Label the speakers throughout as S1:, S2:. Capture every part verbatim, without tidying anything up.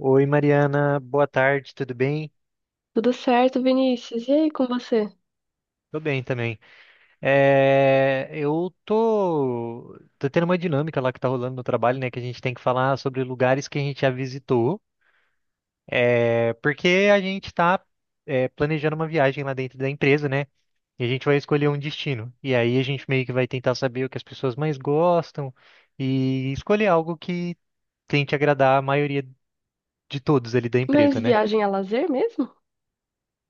S1: Oi, Mariana, boa tarde, tudo bem?
S2: Tudo certo, Vinícius? E aí com você?
S1: Tô bem também. É, eu tô, tô tendo uma dinâmica lá que tá rolando no trabalho, né? Que a gente tem que falar sobre lugares que a gente já visitou, é, porque a gente tá, é, planejando uma viagem lá dentro da empresa, né? E a gente vai escolher um destino. E aí a gente meio que vai tentar saber o que as pessoas mais gostam e escolher algo que tente agradar a maioria de todos ali da
S2: Mas
S1: empresa, né?
S2: viagem a lazer mesmo?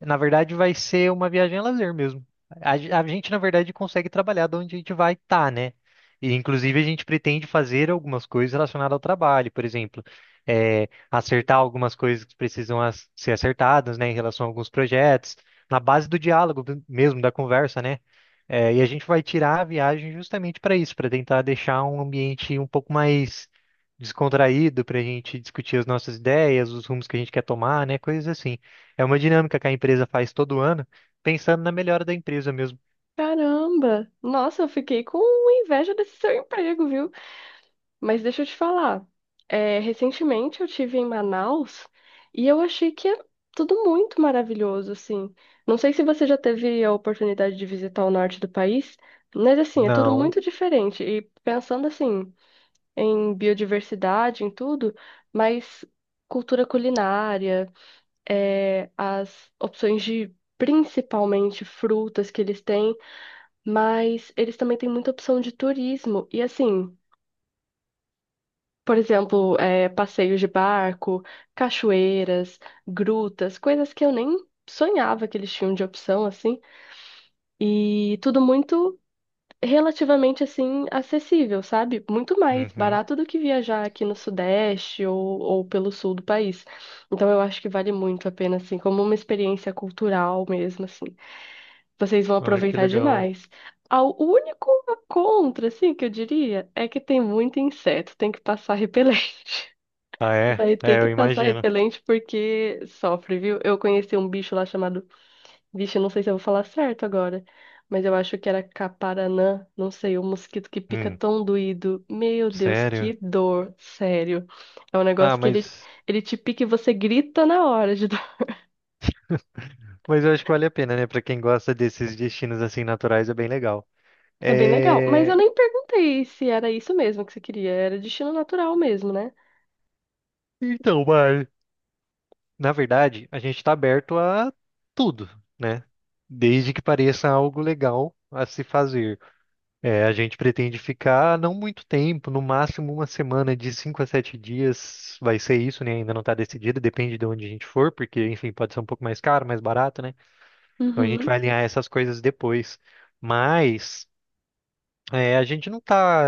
S1: Na verdade, vai ser uma viagem a lazer mesmo. A, ge- a gente, na verdade, consegue trabalhar de onde a gente vai estar, né? E, inclusive, a gente pretende fazer algumas coisas relacionadas ao trabalho, por exemplo, eh, acertar algumas coisas que precisam as- ser acertadas, né, em relação a alguns projetos, na base do diálogo mesmo, da conversa, né? Eh, e a gente vai tirar a viagem justamente para isso, para tentar deixar um ambiente um pouco mais descontraído, para a gente discutir as nossas ideias, os rumos que a gente quer tomar, né? Coisas assim. É uma dinâmica que a empresa faz todo ano, pensando na melhora da empresa mesmo.
S2: Caramba! Nossa, eu fiquei com inveja desse seu emprego, viu? Mas deixa eu te falar. É, recentemente eu tive em Manaus e eu achei que é tudo muito maravilhoso, assim. Não sei se você já teve a oportunidade de visitar o norte do país, mas assim, é tudo
S1: Não.
S2: muito diferente. E pensando assim, em biodiversidade, em tudo, mas cultura culinária. É, as opções de principalmente frutas que eles têm, mas eles também têm muita opção de turismo. E assim, por exemplo, é, passeios de barco, cachoeiras, grutas, coisas que eu nem sonhava que eles tinham de opção, assim, e tudo muito relativamente assim acessível, sabe? Muito mais
S1: Uhum.
S2: barato do que viajar aqui no Sudeste ou, ou pelo sul do país. Então eu acho que vale muito a pena, assim, como uma experiência cultural mesmo, assim. Vocês vão
S1: Ai, que
S2: aproveitar
S1: legal.
S2: demais. Ao- O único contra, assim, que eu diria, é que tem muito inseto, tem que passar repelente.
S1: Ah, é?
S2: Vai ter
S1: É,
S2: que
S1: eu
S2: passar
S1: imagino.
S2: repelente porque sofre, viu? Eu conheci um bicho lá chamado. Vixe, eu não sei se eu vou falar certo agora, mas eu acho que era caparanã, não sei, um mosquito que pica
S1: Hum,
S2: tão doído. Meu Deus, que
S1: sério?
S2: dor, sério. É um
S1: Ah,
S2: negócio que ele,
S1: mas,
S2: ele te pica e você grita na hora de
S1: mas eu acho que vale a pena, né? Pra quem gosta desses destinos assim naturais, é bem legal.
S2: É bem legal. Mas eu
S1: É.
S2: nem perguntei se era isso mesmo que você queria. Era destino natural mesmo, né?
S1: Então, mas, na verdade, a gente tá aberto a tudo, né? Desde que pareça algo legal a se fazer. É, a gente pretende ficar não muito tempo, no máximo uma semana de cinco a sete dias vai ser isso, né? Ainda não está decidido, depende de onde a gente for, porque, enfim, pode ser um pouco mais caro, mais barato, né? Então a gente vai
S2: Uhum.
S1: alinhar essas coisas depois. Mas é, a gente não está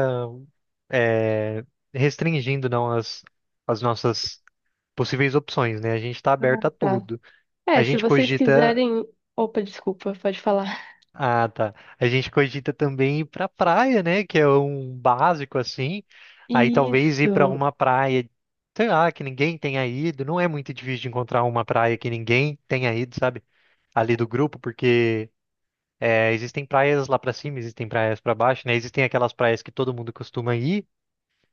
S1: é, restringindo não as, as nossas possíveis opções, né? A gente está
S2: Ah,
S1: aberto a
S2: tá.
S1: tudo.
S2: É,
S1: A
S2: se
S1: gente
S2: vocês
S1: cogita.
S2: quiserem. Opa, desculpa, pode falar.
S1: Ah, tá. A gente cogita também ir pra praia, né? Que é um básico assim. Aí talvez ir pra
S2: Isso.
S1: uma praia, sei lá, que ninguém tenha ido. Não é muito difícil de encontrar uma praia que ninguém tenha ido, sabe? Ali do grupo, porque é, existem praias lá pra cima, existem praias pra baixo, né? Existem aquelas praias que todo mundo costuma ir,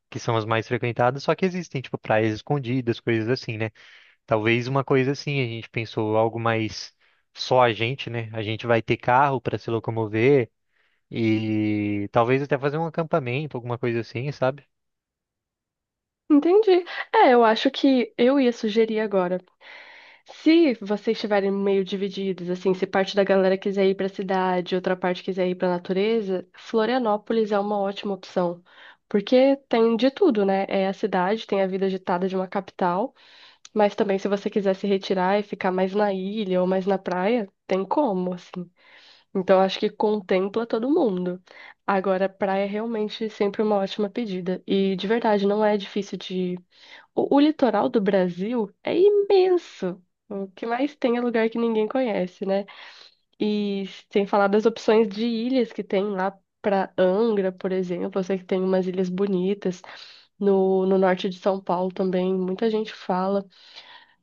S1: que são as mais frequentadas, só que existem, tipo, praias escondidas, coisas assim, né? Talvez uma coisa assim, a gente pensou algo mais só a gente, né? A gente vai ter carro pra se locomover. E talvez até fazer um acampamento, alguma coisa assim, sabe?
S2: Entendi. É, eu acho que eu ia sugerir agora. Se vocês estiverem meio divididos, assim, se parte da galera quiser ir pra cidade, outra parte quiser ir pra natureza, Florianópolis é uma ótima opção. Porque tem de tudo, né? É a cidade, tem a vida agitada de uma capital. Mas também, se você quiser se retirar e ficar mais na ilha ou mais na praia, tem como, assim. Então, acho que contempla todo mundo. Agora, praia é realmente sempre uma ótima pedida. E, de verdade, não é difícil de. O, o litoral do Brasil é imenso. O que mais tem é lugar que ninguém conhece, né? E sem falar das opções de ilhas que tem lá para Angra, por exemplo. Eu sei que tem umas ilhas bonitas. No, no norte de São Paulo também, muita gente fala.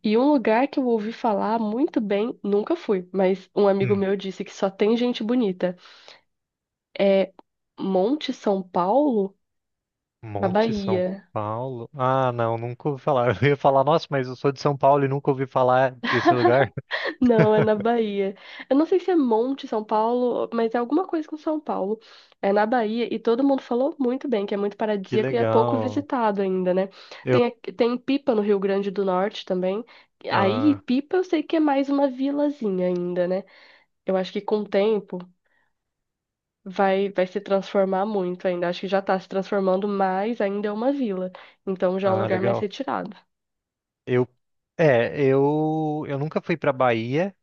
S2: E um lugar que eu ouvi falar muito bem, nunca fui, mas um amigo
S1: Hum.
S2: meu disse que só tem gente bonita. É Monte São Paulo, na
S1: Monte São
S2: Bahia.
S1: Paulo. Ah, não, nunca ouvi falar. Eu ia falar, nossa, mas eu sou de São Paulo e nunca ouvi falar desse lugar.
S2: Não, é na Bahia. Eu não sei se é Monte São Paulo, mas é alguma coisa com São Paulo. É na Bahia e todo mundo falou muito bem, que é muito
S1: Que
S2: paradisíaco e é pouco
S1: legal.
S2: visitado ainda, né?
S1: Eu,
S2: Tem, aqui- tem Pipa no Rio Grande do Norte também. Aí,
S1: ah,
S2: Pipa eu sei que é mais uma vilazinha ainda, né? Eu acho que com o tempo. vai, vai se transformar muito ainda. Acho que já tá se transformando, mas ainda é uma vila. Então já é um
S1: ah,
S2: lugar mais
S1: legal.
S2: retirado.
S1: Eu, é, eu, eu nunca fui pra Bahia.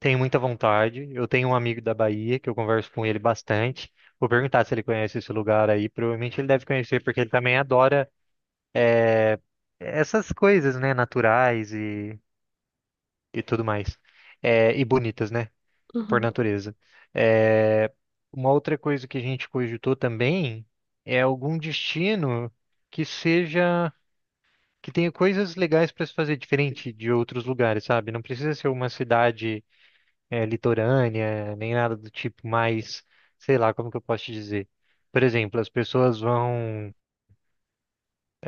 S1: Tenho muita vontade. Eu tenho um amigo da Bahia que eu converso com ele bastante. Vou perguntar se ele conhece esse lugar aí. Provavelmente ele deve conhecer, porque ele também adora, é, essas coisas, né, naturais e tudo mais. É, e bonitas, né? Por
S2: Uhum.
S1: natureza. É, uma outra coisa que a gente cogitou também é algum destino que seja, que tenha coisas legais para se fazer diferente de outros lugares, sabe? Não precisa ser uma cidade, é, litorânea, nem nada do tipo, mas, sei lá, como que eu posso te dizer? Por exemplo, as pessoas vão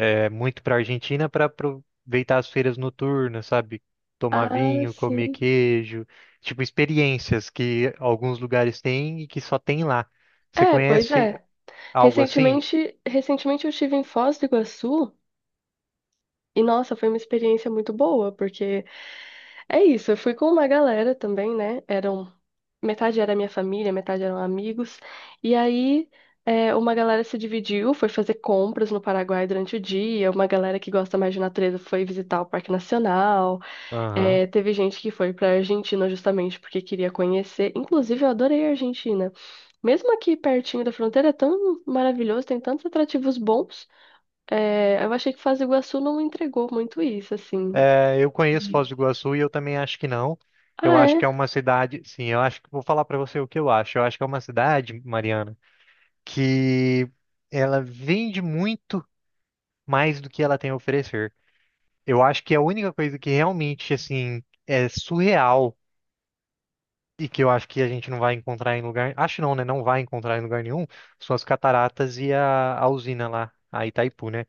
S1: é muito para a Argentina para aproveitar as feiras noturnas, sabe? Tomar
S2: Ah,
S1: vinho, comer
S2: sim.
S1: queijo, tipo experiências que alguns lugares têm e que só tem lá. Você
S2: É, pois
S1: conhece
S2: é.
S1: algo assim?
S2: Recentemente, recentemente eu estive em Foz do Iguaçu e, nossa, foi uma experiência muito boa, porque é isso, eu fui com uma galera também, né? Eram, metade era minha família, metade eram amigos. E aí. é, uma galera se dividiu, foi fazer compras no Paraguai durante o dia. Uma galera que gosta mais de natureza foi visitar o Parque Nacional.
S1: Aham.
S2: É, teve gente que foi pra Argentina justamente porque queria conhecer. Inclusive, eu adorei a Argentina. Mesmo aqui pertinho da fronteira, é tão maravilhoso, tem tantos atrativos bons. É, eu achei que Foz do Iguaçu não entregou muito isso, assim.
S1: É, eu conheço
S2: E-
S1: Foz do Iguaçu e eu também acho que não. Eu
S2: Ah,
S1: acho
S2: é?
S1: que é uma cidade, sim, eu acho que vou falar para você o que eu acho. Eu acho que é uma cidade, Mariana, que ela vende muito mais do que ela tem a oferecer. Eu acho que é a única coisa que realmente assim é surreal e que eu acho que a gente não vai encontrar em lugar, acho não, né? Não vai encontrar em lugar nenhum, são as cataratas e a, a usina lá, a Itaipu, né?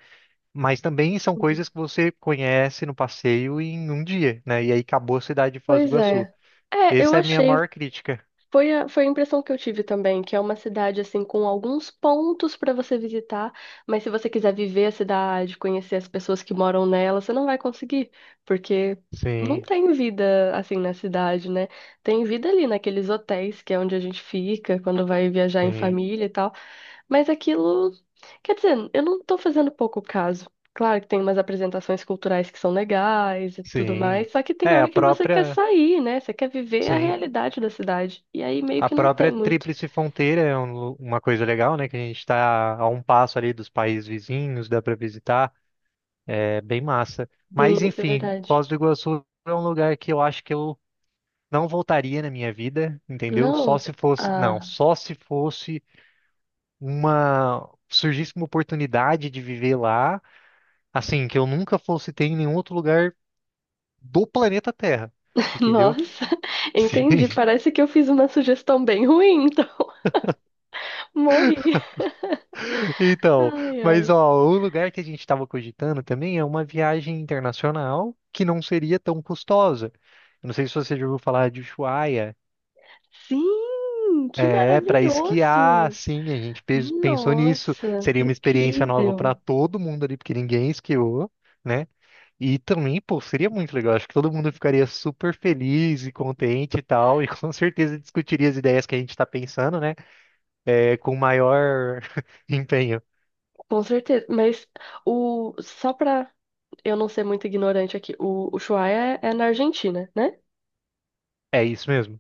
S1: Mas também são coisas que você conhece no passeio em um dia, né? E aí acabou a cidade de Foz do
S2: Pois
S1: Iguaçu.
S2: é. É, eu
S1: Essa é a minha
S2: achei
S1: maior crítica.
S2: Foi a, foi a impressão que eu tive também, que é uma cidade assim com alguns pontos para você visitar, mas se você quiser viver a cidade, conhecer as pessoas que moram nela, você não vai conseguir, porque não
S1: Sim,
S2: tem vida assim na cidade, né? Tem vida ali naqueles hotéis que é onde a gente fica quando vai viajar em
S1: sim,
S2: família e tal, mas aquilo. Quer dizer, eu não tô fazendo pouco caso. Claro que tem umas apresentações culturais que são legais e tudo
S1: sim.
S2: mais, só que tem
S1: É, a
S2: hora que você quer
S1: própria,
S2: sair, né? Você quer viver a
S1: sim.
S2: realidade da cidade. E aí meio
S1: A
S2: que não
S1: própria
S2: tem muito.
S1: Tríplice Fronteira é um lu- uma coisa legal, né? Que a gente está a um passo ali dos países vizinhos, dá para visitar. É bem massa. Mas
S2: Sim, isso é
S1: enfim,
S2: verdade.
S1: Foz do Iguaçu é um lugar que eu acho que eu não voltaria na minha vida, entendeu? Só
S2: Não.
S1: se fosse, não,
S2: Ah,
S1: só se fosse uma surgisse uma oportunidade de viver lá, assim, que eu nunca fosse ter em nenhum outro lugar do planeta Terra, entendeu?
S2: nossa,
S1: Sim.
S2: entendi. Parece que eu fiz uma sugestão bem ruim, então morri.
S1: Então,
S2: Ai,
S1: mas
S2: ai.
S1: ó, o lugar que a gente estava cogitando também é uma viagem internacional que não seria tão custosa. Eu não sei se você já ouviu falar de Ushuaia?
S2: Sim, que
S1: É, para esquiar,
S2: maravilhoso!
S1: sim, a gente pe- pensou nisso.
S2: Nossa,
S1: Seria uma experiência nova para
S2: incrível!
S1: todo mundo ali, porque ninguém esquiou, né? E também, pô, seria muito legal. Acho que todo mundo ficaria super feliz e contente e tal, e com certeza discutiria as ideias que a gente está pensando, né? É, com maior empenho.
S2: Com certeza, mas o só pra eu não ser muito ignorante aqui, o, o Ushuaia é, é na Argentina, né?
S1: É isso mesmo.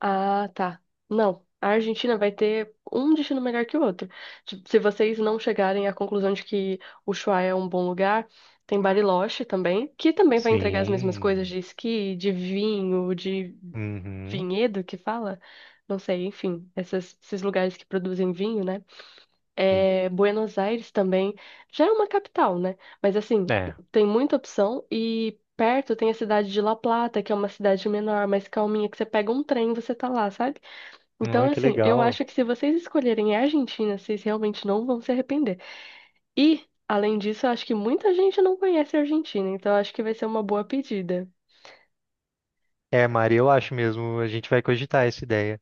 S2: Ah, tá. Não, a Argentina vai ter um destino melhor que o outro. Tipo, se vocês não chegarem à conclusão de que o Ushuaia é um bom lugar, tem Bariloche também, que também vai entregar as mesmas coisas
S1: Sim.
S2: de esqui, de vinho, de
S1: Uhum.
S2: vinhedo que fala, não sei, enfim, essas- esses lugares que produzem vinho, né?
S1: Sim.
S2: É, Buenos Aires também já é uma capital, né? Mas assim,
S1: É.
S2: tem muita opção e perto tem a cidade de La Plata, que é uma cidade menor, mais calminha, que você pega um trem e você tá lá, sabe? Então,
S1: Ai, que
S2: assim, eu
S1: legal.
S2: acho que se vocês escolherem a Argentina, vocês realmente não vão se arrepender. E, além disso, eu acho que muita gente não conhece a Argentina, então eu acho que vai ser uma boa pedida.
S1: É, Mari, eu acho mesmo. A gente vai cogitar essa ideia.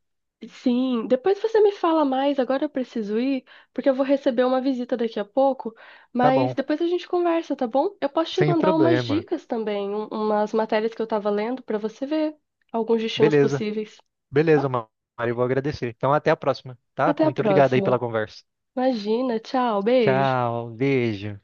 S2: Sim, depois você me fala mais. Agora eu preciso ir, porque eu vou receber uma visita daqui a pouco.
S1: Tá
S2: Mas
S1: bom,
S2: depois a gente conversa, tá bom? Eu posso te
S1: sem
S2: mandar umas
S1: problema.
S2: dicas também, um- umas matérias que eu tava lendo pra você ver alguns destinos
S1: Beleza.
S2: possíveis,
S1: Beleza,
S2: tá?
S1: Ma- Mário, eu vou agradecer. Então, até a próxima, tá?
S2: Até a
S1: Muito obrigado aí
S2: próxima.
S1: pela conversa.
S2: Imagina, tchau, beijo.
S1: Tchau, beijo.